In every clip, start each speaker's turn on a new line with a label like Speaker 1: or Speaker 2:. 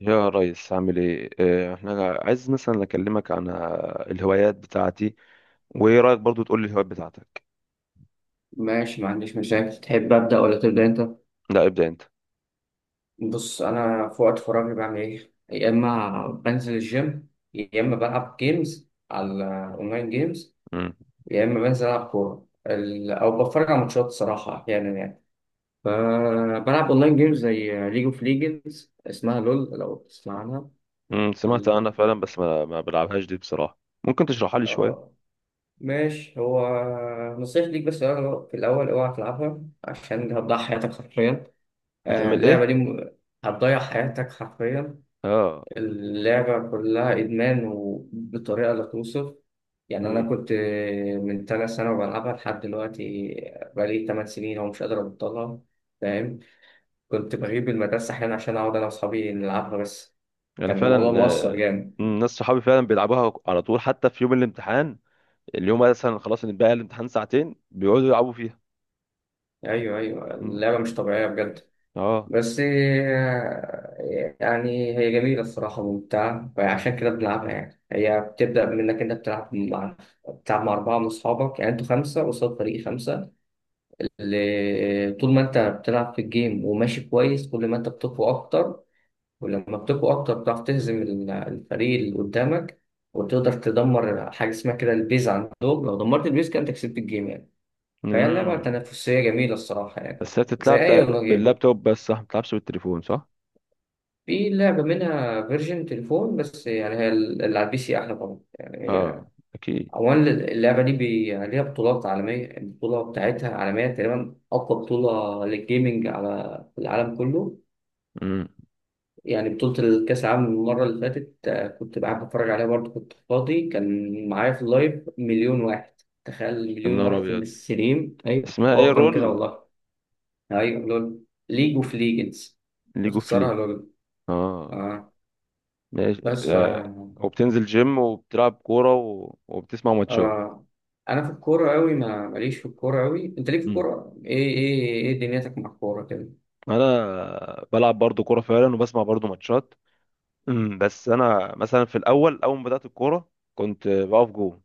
Speaker 1: يا ريس، عامل ايه؟ احنا عايز مثلا اكلمك عن الهوايات بتاعتي. وايه رايك برضو تقول لي الهوايات بتاعتك؟
Speaker 2: ماشي، ما عنديش مشاكل. تحب أبدأ ولا تبدأ أنت؟
Speaker 1: لا، ابدا انت.
Speaker 2: بص، أنا في وقت فراغي بعمل إيه؟ يا إما بنزل الجيم، يا إما بلعب جيمز على أونلاين جيمز،
Speaker 1: مم.
Speaker 2: يا إما بنزل ألعب كورة أو بتفرج على ماتشات صراحة أحيانا يعني. فبلعب أونلاين جيمز زي ليج أوف ليجندز، اسمها لول لو تسمع عنها.
Speaker 1: سمعت انا
Speaker 2: ال-
Speaker 1: فعلا، بس ما بلعبهاش دي بصراحه. ممكن تشرحها لي شويه؟
Speaker 2: آه، ماشي. هو نصيحتي ليك بس، في الأول أوعى تلعبها عشان هتضيع حياتك حرفيا.
Speaker 1: هتعمل
Speaker 2: اللعبة
Speaker 1: ايه؟
Speaker 2: دي هتضيع حياتك حرفيا.
Speaker 1: اه.
Speaker 2: اللعبة كلها إدمان وبطريقة لا توصف. يعني أنا
Speaker 1: مم.
Speaker 2: كنت من تلات سنة بلعبها لحد دلوقتي، بقالي تمن سنين ومش قادر أبطلها، فاهم؟ كنت بغيب المدرسة أحيانا عشان أقعد أنا وأصحابي نلعبها بس.
Speaker 1: انا
Speaker 2: كان الموضوع
Speaker 1: فعلا
Speaker 2: مؤثر جامد.
Speaker 1: ناس صحابي فعلا بيلعبوها على طول، حتى في يوم الامتحان. اليوم مثلا خلاص، إن بقى الامتحان ساعتين بيقعدوا يلعبوا فيها.
Speaker 2: أيوه أيوه،
Speaker 1: مم.
Speaker 2: اللعبة مش طبيعية بجد.
Speaker 1: اه.
Speaker 2: بس يعني هي جميلة الصراحة، ممتعة، فعشان كده بنلعبها. يعني هي بتبدأ من إنك أنت بتلعب مع، بتلعب مع أربعة من أصحابك، يعني أنتوا خمسة قصاد فريق خمسة. طول ما انت بتلعب في الجيم وماشي كويس، كل ما انت بتقوى اكتر، ولما بتقوى اكتر بتعرف تهزم الفريق اللي قدامك، وتقدر تدمر حاجه اسمها كده البيز عندهم. لو دمرت البيز كده انت كسبت الجيم يعني. فهي لعبه
Speaker 1: مم.
Speaker 2: تنافسيه جميله الصراحه يعني.
Speaker 1: بس هي
Speaker 2: زي
Speaker 1: بتتلعب
Speaker 2: اي والله جيم،
Speaker 1: باللابتوب بس، صح؟ ما بتلعبش بالتليفون، صح؟
Speaker 2: في لعبه منها فيرجن تليفون بس، يعني هي اللي على البي سي احلى طبعا
Speaker 1: اه،
Speaker 2: يعني.
Speaker 1: اكيد.
Speaker 2: اولا اللعبه دي بي... ليها بطولات عالميه، البطوله بتاعتها عالميه تقريبا اقوى بطوله للجيمنج على العالم كله.
Speaker 1: امم.
Speaker 2: يعني بطولة الكأس العالم المرة اللي فاتت، كنت قاعد بتفرج عليها برضه، كنت فاضي، كان معايا في اللايف مليون واحد. تخيل مليون
Speaker 1: النار
Speaker 2: واحد في
Speaker 1: ابيض.
Speaker 2: الستريم، أيوة،
Speaker 1: اسمها ايه؟
Speaker 2: وأكتر من كده
Speaker 1: رول؟
Speaker 2: والله. أيوة لول، ليج أوف ليجندز.
Speaker 1: ليج اوف
Speaker 2: بخسرها
Speaker 1: لي.
Speaker 2: لول.
Speaker 1: اه،
Speaker 2: آه.
Speaker 1: ماشي.
Speaker 2: بس ف،
Speaker 1: وبتنزل جيم وبتلعب كوره و... وبتسمع ماتشات.
Speaker 2: آه، أنا في الكورة أوي، ما ماليش في الكورة أوي. أنت ليك في
Speaker 1: امم.
Speaker 2: الكورة إيه؟ إيه إيه دنيتك مع الكورة كده؟
Speaker 1: انا بلعب برضو كوره فعلا، وبسمع برضو ماتشات. بس انا مثلا في الاول، اول ما بدات الكوره كنت بقف جول.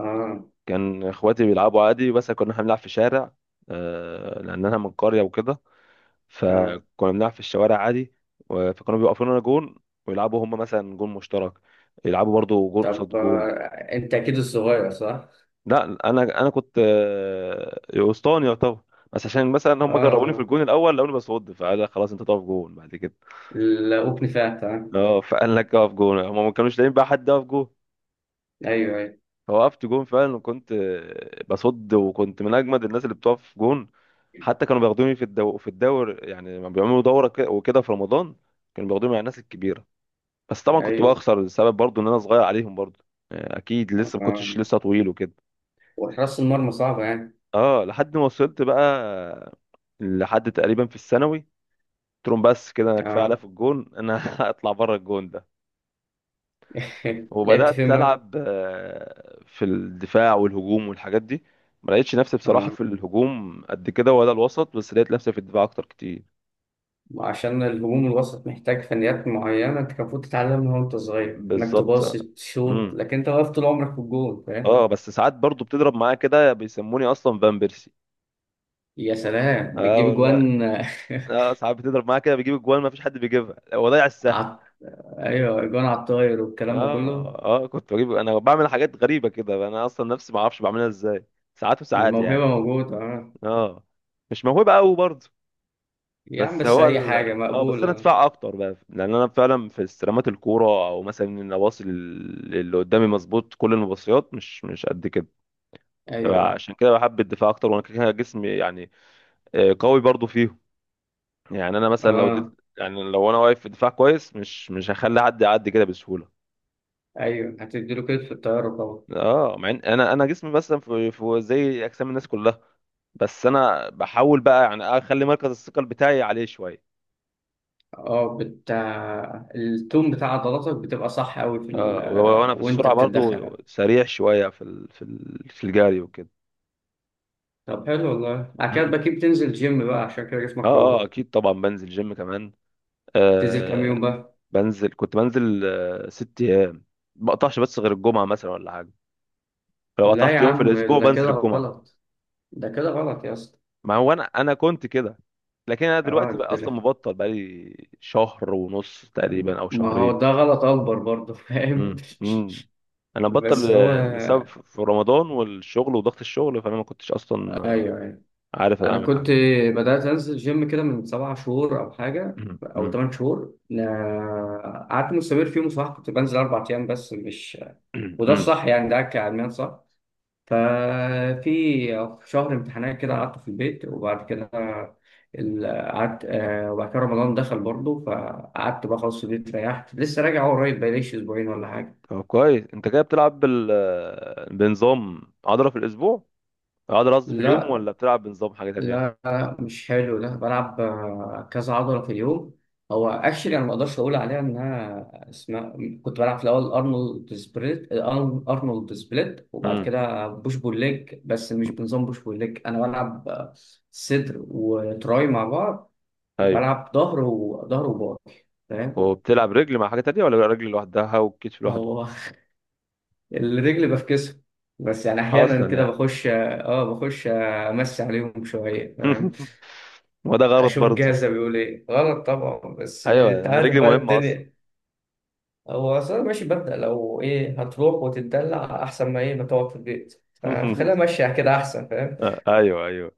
Speaker 2: آه
Speaker 1: كان اخواتي بيلعبوا عادي، بس كنا إحنا بنلعب في شارع. لان انا من قريه وكده.
Speaker 2: آه.
Speaker 1: فكنا بنلعب في الشوارع عادي. فكانوا بيوقفونا جون. ويلعبوا هم مثلا جون مشترك. يلعبوا برضو جون
Speaker 2: طب
Speaker 1: قصاد
Speaker 2: آه،
Speaker 1: جون.
Speaker 2: أنت أكيد الصغير صح؟
Speaker 1: لا. انا كنت اسطواني يعتبر. بس عشان مثلا هم جربوني في
Speaker 2: آه،
Speaker 1: الجون الاول، لقوني بصد، فقال لك خلاص انت تقف جون بعد كده.
Speaker 2: لا أوبني فات آه.
Speaker 1: اه، فقال لك اقف جون، هم ما كانوش لاقيين بقى حد يقف جون.
Speaker 2: أيوه أيوه
Speaker 1: فوقفت جون فعلا، وكنت بصد، وكنت من اجمد الناس اللي بتقف جون. حتى كانوا بياخدوني في الدور، يعني لما بيعملوا دوره وكده في رمضان. كانوا بياخدوني مع الناس الكبيره. بس طبعا كنت
Speaker 2: أيوه.
Speaker 1: بخسر، السبب برضو ان انا صغير عليهم برضو. اكيد لسه ما كنتش
Speaker 2: آه.
Speaker 1: لسه طويل وكده.
Speaker 2: وحراسة المرمى صعبة يعني.
Speaker 1: اه، لحد ما وصلت بقى، لحد تقريبا في الثانوي. قلت لهم بس كده، انا كفايه عليا
Speaker 2: اه.
Speaker 1: في الجون، انا هطلع بره الجون ده.
Speaker 2: لعبت
Speaker 1: وبدات
Speaker 2: فين بقى؟
Speaker 1: العب في الدفاع والهجوم والحاجات دي. ما لقيتش نفسي بصراحه
Speaker 2: اه،
Speaker 1: في الهجوم قد كده ولا الوسط، بس لقيت نفسي في الدفاع اكتر كتير.
Speaker 2: عشان الهجوم الوسط محتاج فنيات معينة انت كان المفروض تتعلمها وانت صغير، انك
Speaker 1: بالظبط.
Speaker 2: تباصي تشوط،
Speaker 1: امم.
Speaker 2: لكن انت واقف طول عمرك في الجول فاهم؟
Speaker 1: اه، بس ساعات برضو بتضرب معايا كده، بيسموني اصلا فان بيرسي.
Speaker 2: يا سلام،
Speaker 1: اه
Speaker 2: بتجيب
Speaker 1: والله.
Speaker 2: اجوان.
Speaker 1: اه، ساعات بتضرب معايا كده بجيب الجوان، ما فيش حد بيجيبها، هو ضيع السهل.
Speaker 2: عط... ايوه، اجوان على الطاير والكلام ده كله.
Speaker 1: اه، اه. كنت بجيب، انا بعمل حاجات غريبه كده، انا اصلا نفسي ما اعرفش بعملها ازاي، ساعات وساعات
Speaker 2: الموهبة
Speaker 1: يعني.
Speaker 2: موجودة اه.
Speaker 1: اه. مش موهبه قوي برضه.
Speaker 2: يا عم
Speaker 1: بس
Speaker 2: بس
Speaker 1: هو
Speaker 2: اي
Speaker 1: ال...
Speaker 2: حاجة
Speaker 1: اه، بس انا
Speaker 2: مقبولة.
Speaker 1: ادفع اكتر بقى لان انا فعلا في استلامات الكوره، او مثلا ان اباصي اللي قدامي مظبوط، كل المباصيات مش قد كده.
Speaker 2: ايوه أيوه.
Speaker 1: عشان كده بحب الدفاع اكتر، وانا كده كده جسمي يعني، قوي برضه فيهم. يعني انا مثلا لو دل...
Speaker 2: اه.
Speaker 1: يعني لو انا واقف في دفاع كويس، مش هخلي حد يعدي كده بسهوله.
Speaker 2: ايوه، هتديله كتف في الطيارة طبعا.
Speaker 1: اه، مع ان انا جسمي مثلا في... في زي اجسام الناس كلها. بس انا بحاول بقى يعني اخلي مركز الثقل بتاعي عليه شويه.
Speaker 2: اه التون بتاع عضلاتك بتبقى صح قوي في
Speaker 1: اه، ولو
Speaker 2: ال...
Speaker 1: انا في
Speaker 2: وانت
Speaker 1: السرعه
Speaker 2: بتتدخل.
Speaker 1: برضو سريع شويه في الجري وكده.
Speaker 2: طب حلو والله، بعد كده
Speaker 1: مم.
Speaker 2: بقى بتنزل جيم بقى عشان كده
Speaker 1: اه،
Speaker 2: جسمك
Speaker 1: اه،
Speaker 2: قوي.
Speaker 1: اكيد طبعا بنزل جيم كمان.
Speaker 2: تنزل كام يوم
Speaker 1: آه
Speaker 2: بقى؟
Speaker 1: بنزل كنت بنزل آه 6 ايام. ما بقطعش، بس غير الجمعه مثلا ولا حاجه. لو
Speaker 2: لا يا
Speaker 1: قطعت يوم في
Speaker 2: عم،
Speaker 1: الاسبوع
Speaker 2: ده
Speaker 1: بنزل
Speaker 2: كده
Speaker 1: الجمعه.
Speaker 2: غلط، ده كده غلط يا اسطى.
Speaker 1: ما هو انا كنت كده. لكن انا
Speaker 2: اه،
Speaker 1: دلوقتي بقى
Speaker 2: ده،
Speaker 1: اصلا مبطل بقالي شهر ونص تقريبا، او
Speaker 2: ما هو ده
Speaker 1: شهرين.
Speaker 2: غلط اكبر برضه فاهم.
Speaker 1: مم. مم. انا
Speaker 2: بس
Speaker 1: بطل
Speaker 2: هو،
Speaker 1: لسبب في رمضان والشغل وضغط الشغل، فانا ما كنتش اصلا
Speaker 2: ايوه ايوه،
Speaker 1: عارف
Speaker 2: انا
Speaker 1: اعمل
Speaker 2: كنت،
Speaker 1: حاجه.
Speaker 2: بدات انزل جيم كده من سبع شهور او حاجه
Speaker 1: مم.
Speaker 2: او
Speaker 1: مم.
Speaker 2: ثمان شهور، قعدت مستمر فيهم صح، كنت بنزل اربع ايام بس مش،
Speaker 1: مم.
Speaker 2: وده
Speaker 1: مم.
Speaker 2: الصح يعني، ده كعلميا صح. ففي شهر امتحانات كده قعدت في البيت، وبعد كده قعدت وبعد كده رمضان دخل برضه، فقعدت بقى خلاص في البيت، ريحت، لسه راجع هو قريب، بقاليش اسبوعين ولا حاجه.
Speaker 1: طب كويس، انت كده بتلعب بنظام عضلة في الأسبوع، عضلة قصدي في اليوم،
Speaker 2: لا،
Speaker 1: ولا بتلعب بنظام حاجة تانية؟
Speaker 2: لا، مش حلو ده. بلعب كذا عضلة في اليوم. هو اكشلي انا ما اقدرش اقول عليها انها اسمها، كنت بلعب في الاول ارنولد سبليت، ارنولد سبليت، وبعد
Speaker 1: امم.
Speaker 2: كده بوش بول ليج، بس مش بنظام بوش بول ليج. انا بلعب صدر وتراي مع بعض،
Speaker 1: ايوه،
Speaker 2: وبلعب ظهر وظهر وباي، فاهم؟
Speaker 1: وبتلعب رجل مع حاجة تانية، ولا رجل لوحدها والكتف لوحده؟
Speaker 2: هو الرجل بفكسه، بس يعني احيانا
Speaker 1: أصلا
Speaker 2: كده
Speaker 1: يعني.
Speaker 2: بخش، اه بخش امسي عليهم شويه فاهم.
Speaker 1: وده غلط
Speaker 2: اشوف
Speaker 1: برضه.
Speaker 2: الجهاز ده بيقول ايه، غلط طبعا، بس
Speaker 1: أيوه
Speaker 2: انت
Speaker 1: يعني،
Speaker 2: عارف
Speaker 1: رجلي
Speaker 2: بقى
Speaker 1: مهمة أصلا.
Speaker 2: الدنيا. هو اصلا ماشي، ببدأ لو ايه هتروح وتتدلع احسن ما ايه ما تقعد في البيت، فخليها ماشية كده احسن فاهم.
Speaker 1: ايوه، ايوه.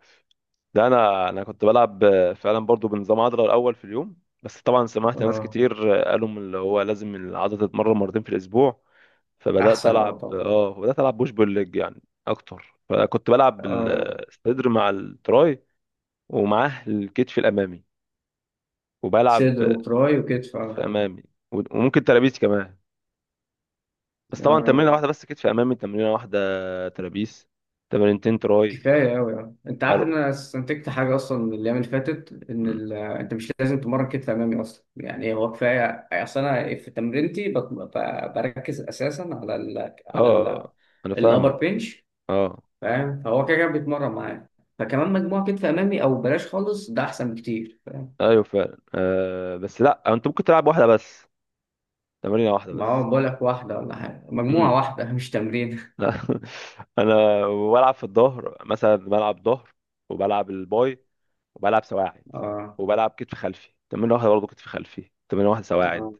Speaker 1: ده انا كنت بلعب فعلا برضو بنظام عضله الاول في اليوم. بس طبعا سمعت ناس
Speaker 2: اه
Speaker 1: كتير قالوا من اللي هو لازم العضله تتمرن مرتين في الاسبوع. فبدات
Speaker 2: احسن اه
Speaker 1: العب
Speaker 2: طبعا.
Speaker 1: اه بدات العب بوش بول ليج يعني اكتر. فكنت بلعب
Speaker 2: اه،
Speaker 1: الصدر مع التراي، ومعاه الكتف الامامي. وبلعب
Speaker 2: صدر وتراي وكتف
Speaker 1: كتف
Speaker 2: اه.
Speaker 1: امامي، وممكن ترابيس كمان. بس طبعا
Speaker 2: اه
Speaker 1: تمرينه واحده بس، كتف امامي تمرينه واحده، ترابيس تمرينتين، تراي.
Speaker 2: كفايه قوي اه. انت عارف ان
Speaker 1: عرق.
Speaker 2: انا استنتجت حاجه اصلا من الايام اللي فاتت، ان
Speaker 1: مم.
Speaker 2: ال... انت مش لازم تمرن كتف امامي اصلا، يعني هو كفايه. اصل انا في تمرينتي بت... ب... بركز اساسا على ال... على ال...
Speaker 1: اه، انا
Speaker 2: الابر
Speaker 1: فاهمك.
Speaker 2: بنش،
Speaker 1: اه.
Speaker 2: فاهم؟ فهو كده كده بيتمرن معاه، فكمان مجموعة كتف أمامي أو بلاش خالص، ده أحسن بكتير فاهم.
Speaker 1: ايوه فعلا. بس لا، انت ممكن تلعب واحده بس، تمرينه واحده
Speaker 2: ما
Speaker 1: بس.
Speaker 2: هو بقول لك واحدة ولا حاجة، مجموعة
Speaker 1: مم.
Speaker 2: واحدة مش تمرين.
Speaker 1: لا. انا بلعب في الظهر، مثلا بلعب ظهر، وبلعب الباي، وبلعب سواعد.
Speaker 2: آه
Speaker 1: وبلعب كتف خلفي تمرين واحده برضه، كتف خلفي تمرين واحده،
Speaker 2: آه.
Speaker 1: سواعد،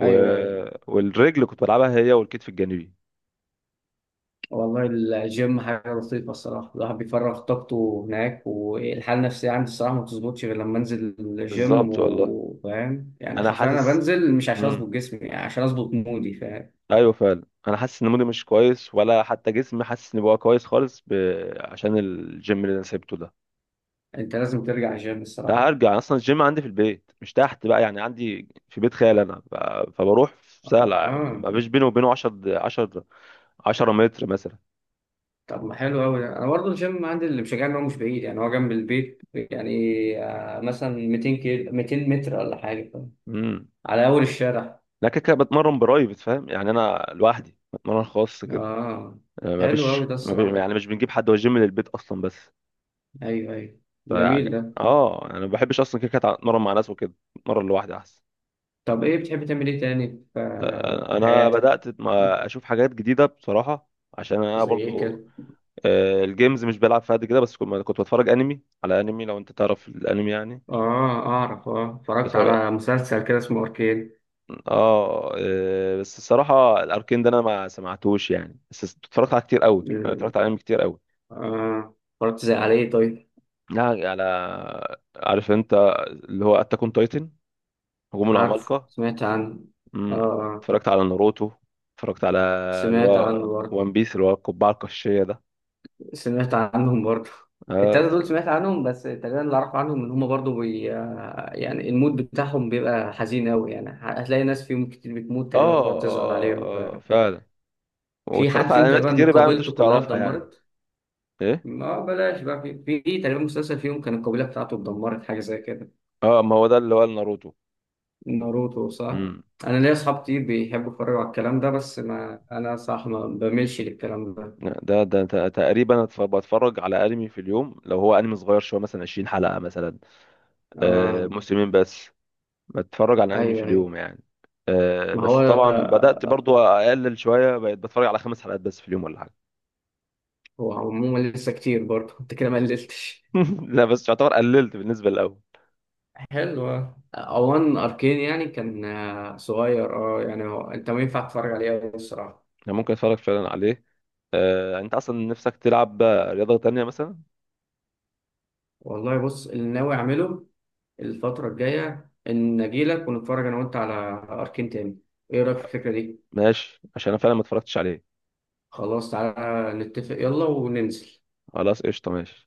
Speaker 1: و...
Speaker 2: أيوه أيوه.
Speaker 1: والرجل كنت بلعبها هي والكتف الجانبي.
Speaker 2: والله الجيم حاجة لطيفة الصراحة، الواحد بيفرغ طاقته هناك، والحالة النفسية عندي الصراحة ما بتظبطش غير لما أنزل الجيم،
Speaker 1: بالظبط والله.
Speaker 2: وفاهم يعني
Speaker 1: انا
Speaker 2: حرفيا أنا
Speaker 1: حاسس.
Speaker 2: بنزل مش عشان أظبط
Speaker 1: امم.
Speaker 2: جسمي، يعني عشان أظبط مودي فاهم.
Speaker 1: ايوه فعلا، انا حاسس ان مودي مش كويس، ولا حتى جسمي حاسس ان بقى كويس خالص عشان الجيم اللي انا سيبته ده.
Speaker 2: أنت لازم ترجع الجيم
Speaker 1: لا،
Speaker 2: الصراحة.
Speaker 1: هرجع اصلا، الجيم عندي في البيت، مش تحت بقى يعني، عندي في بيت خال، انا فبروح في
Speaker 2: آه
Speaker 1: سهله،
Speaker 2: آه.
Speaker 1: ما فيش بيني وبينه 10 متر مثلا.
Speaker 2: طب ما حلو قوي ده. انا برضه الجيم عندي اللي مشجعني ان هو مش بعيد، يعني هو جنب البيت يعني. مثلا 200 كيلو، 200 متر ولا حاجه،
Speaker 1: امم.
Speaker 2: على اول الشارع.
Speaker 1: لا، كده كده بتمرن برايفت، فاهم يعني؟ انا لوحدي بتمرن خاص كده،
Speaker 2: اه
Speaker 1: ما
Speaker 2: حلو قوي
Speaker 1: فيش،
Speaker 2: ده
Speaker 1: ما في
Speaker 2: الصراحه.
Speaker 1: يعني مش بنجيب حد، هو الجيم للبيت اصلا بس.
Speaker 2: ايوه ايوه،
Speaker 1: ف
Speaker 2: جميل
Speaker 1: يعني
Speaker 2: ده.
Speaker 1: اه يعني انا ما بحبش اصلا كده كده اتمرن مع ناس وكده، اتمرن لوحدي احسن.
Speaker 2: طب ايه بتحب تعمل ايه تاني في في
Speaker 1: انا
Speaker 2: حياتك؟
Speaker 1: بدات
Speaker 2: بت-
Speaker 1: ما اشوف حاجات جديده بصراحه، عشان انا
Speaker 2: زي ايه
Speaker 1: برضو
Speaker 2: كده؟
Speaker 1: الجيمز مش بلعب فيها قد كده، بس كنت بتفرج انمي على انمي، لو انت تعرف الانمي يعني.
Speaker 2: اه اعرف، اه
Speaker 1: بس
Speaker 2: اتفرجت
Speaker 1: اه.
Speaker 2: على مسلسل كده اسمه اركين.
Speaker 1: بس الصراحه الاركين ده انا ما سمعتوش يعني، بس اتفرجت على كتير قوي، انا
Speaker 2: ال-
Speaker 1: اتفرجت على انمي كتير قوي.
Speaker 2: اه اتفرجت زي عليه طيب؟
Speaker 1: لا، على، عارف انت اللي هو اتاك اون تايتن، هجوم
Speaker 2: عارف،
Speaker 1: العمالقه.
Speaker 2: سمعت عنه. اه آه،
Speaker 1: اتفرجت على ناروتو. اتفرجت على اللي
Speaker 2: سمعت عنه
Speaker 1: هو
Speaker 2: برضه.
Speaker 1: وان بيس، اللي هو القبعه القشيه ده.
Speaker 2: سمعت عنهم برضه.
Speaker 1: اه.
Speaker 2: التلاتة دول سمعت عنهم، بس تقريبا اللي أعرف عنهم إن هما برضه بي... يعني المود بتاعهم بيبقى حزين أوي، يعني هتلاقي ناس فيهم كتير بتموت
Speaker 1: اه.
Speaker 2: تقريبا، بتقعد تزعل عليهم ف...
Speaker 1: اه. فعلا.
Speaker 2: في حد
Speaker 1: واتفرجت على
Speaker 2: فيهم
Speaker 1: انميات
Speaker 2: تقريبا
Speaker 1: كتير بقى، انت مش
Speaker 2: قبيلته كلها
Speaker 1: هتعرفها يعني.
Speaker 2: اتدمرت.
Speaker 1: ايه؟
Speaker 2: ما بلاش بقى، في تقريبا مسلسل فيهم كان القبيلة بتاعته اتدمرت حاجة زي كده.
Speaker 1: اه، ما هو ده اللي هو ناروتو.
Speaker 2: ناروتو صح؟
Speaker 1: امم.
Speaker 2: أنا ليا أصحاب كتير بيحبوا يتفرجوا على الكلام ده، بس ما أنا صح ما بميلش للكلام ده.
Speaker 1: ده تقريبا بتفرج على انمي في اليوم، لو هو انمي صغير شويه مثلا 20 حلقه مثلا،
Speaker 2: آه
Speaker 1: موسمين بس. بتفرج على انمي في
Speaker 2: أيوه أيوه.
Speaker 1: اليوم يعني.
Speaker 2: ما
Speaker 1: بس
Speaker 2: هو
Speaker 1: طبعا بدات برضو اقلل شويه، بقيت بتفرج على 5 حلقات بس في اليوم ولا حاجه.
Speaker 2: هو عموما لسه كتير برضه، انت كده ما قللتش.
Speaker 1: لا، بس يعتبر قللت بالنسبه للاول.
Speaker 2: حلو آه. اوان اركين يعني كان صغير اه، يعني هو انت ما ينفع تتفرج عليه أوي الصراحه.
Speaker 1: يعني ممكن اتفرج فعلا عليه. انت اصلا نفسك تلعب رياضه تانية مثلا؟
Speaker 2: والله بص، اللي ناوي اعمله الفتره الجايه ان اجيلك ونتفرج انا وانت على اركين تاني. ايه رايك في الفكره دي؟
Speaker 1: ماشي، عشان انا فعلا ما اتفرجتش عليه.
Speaker 2: خلاص تعالى نتفق، يلا وننزل.
Speaker 1: خلاص، قشطه، ماشي.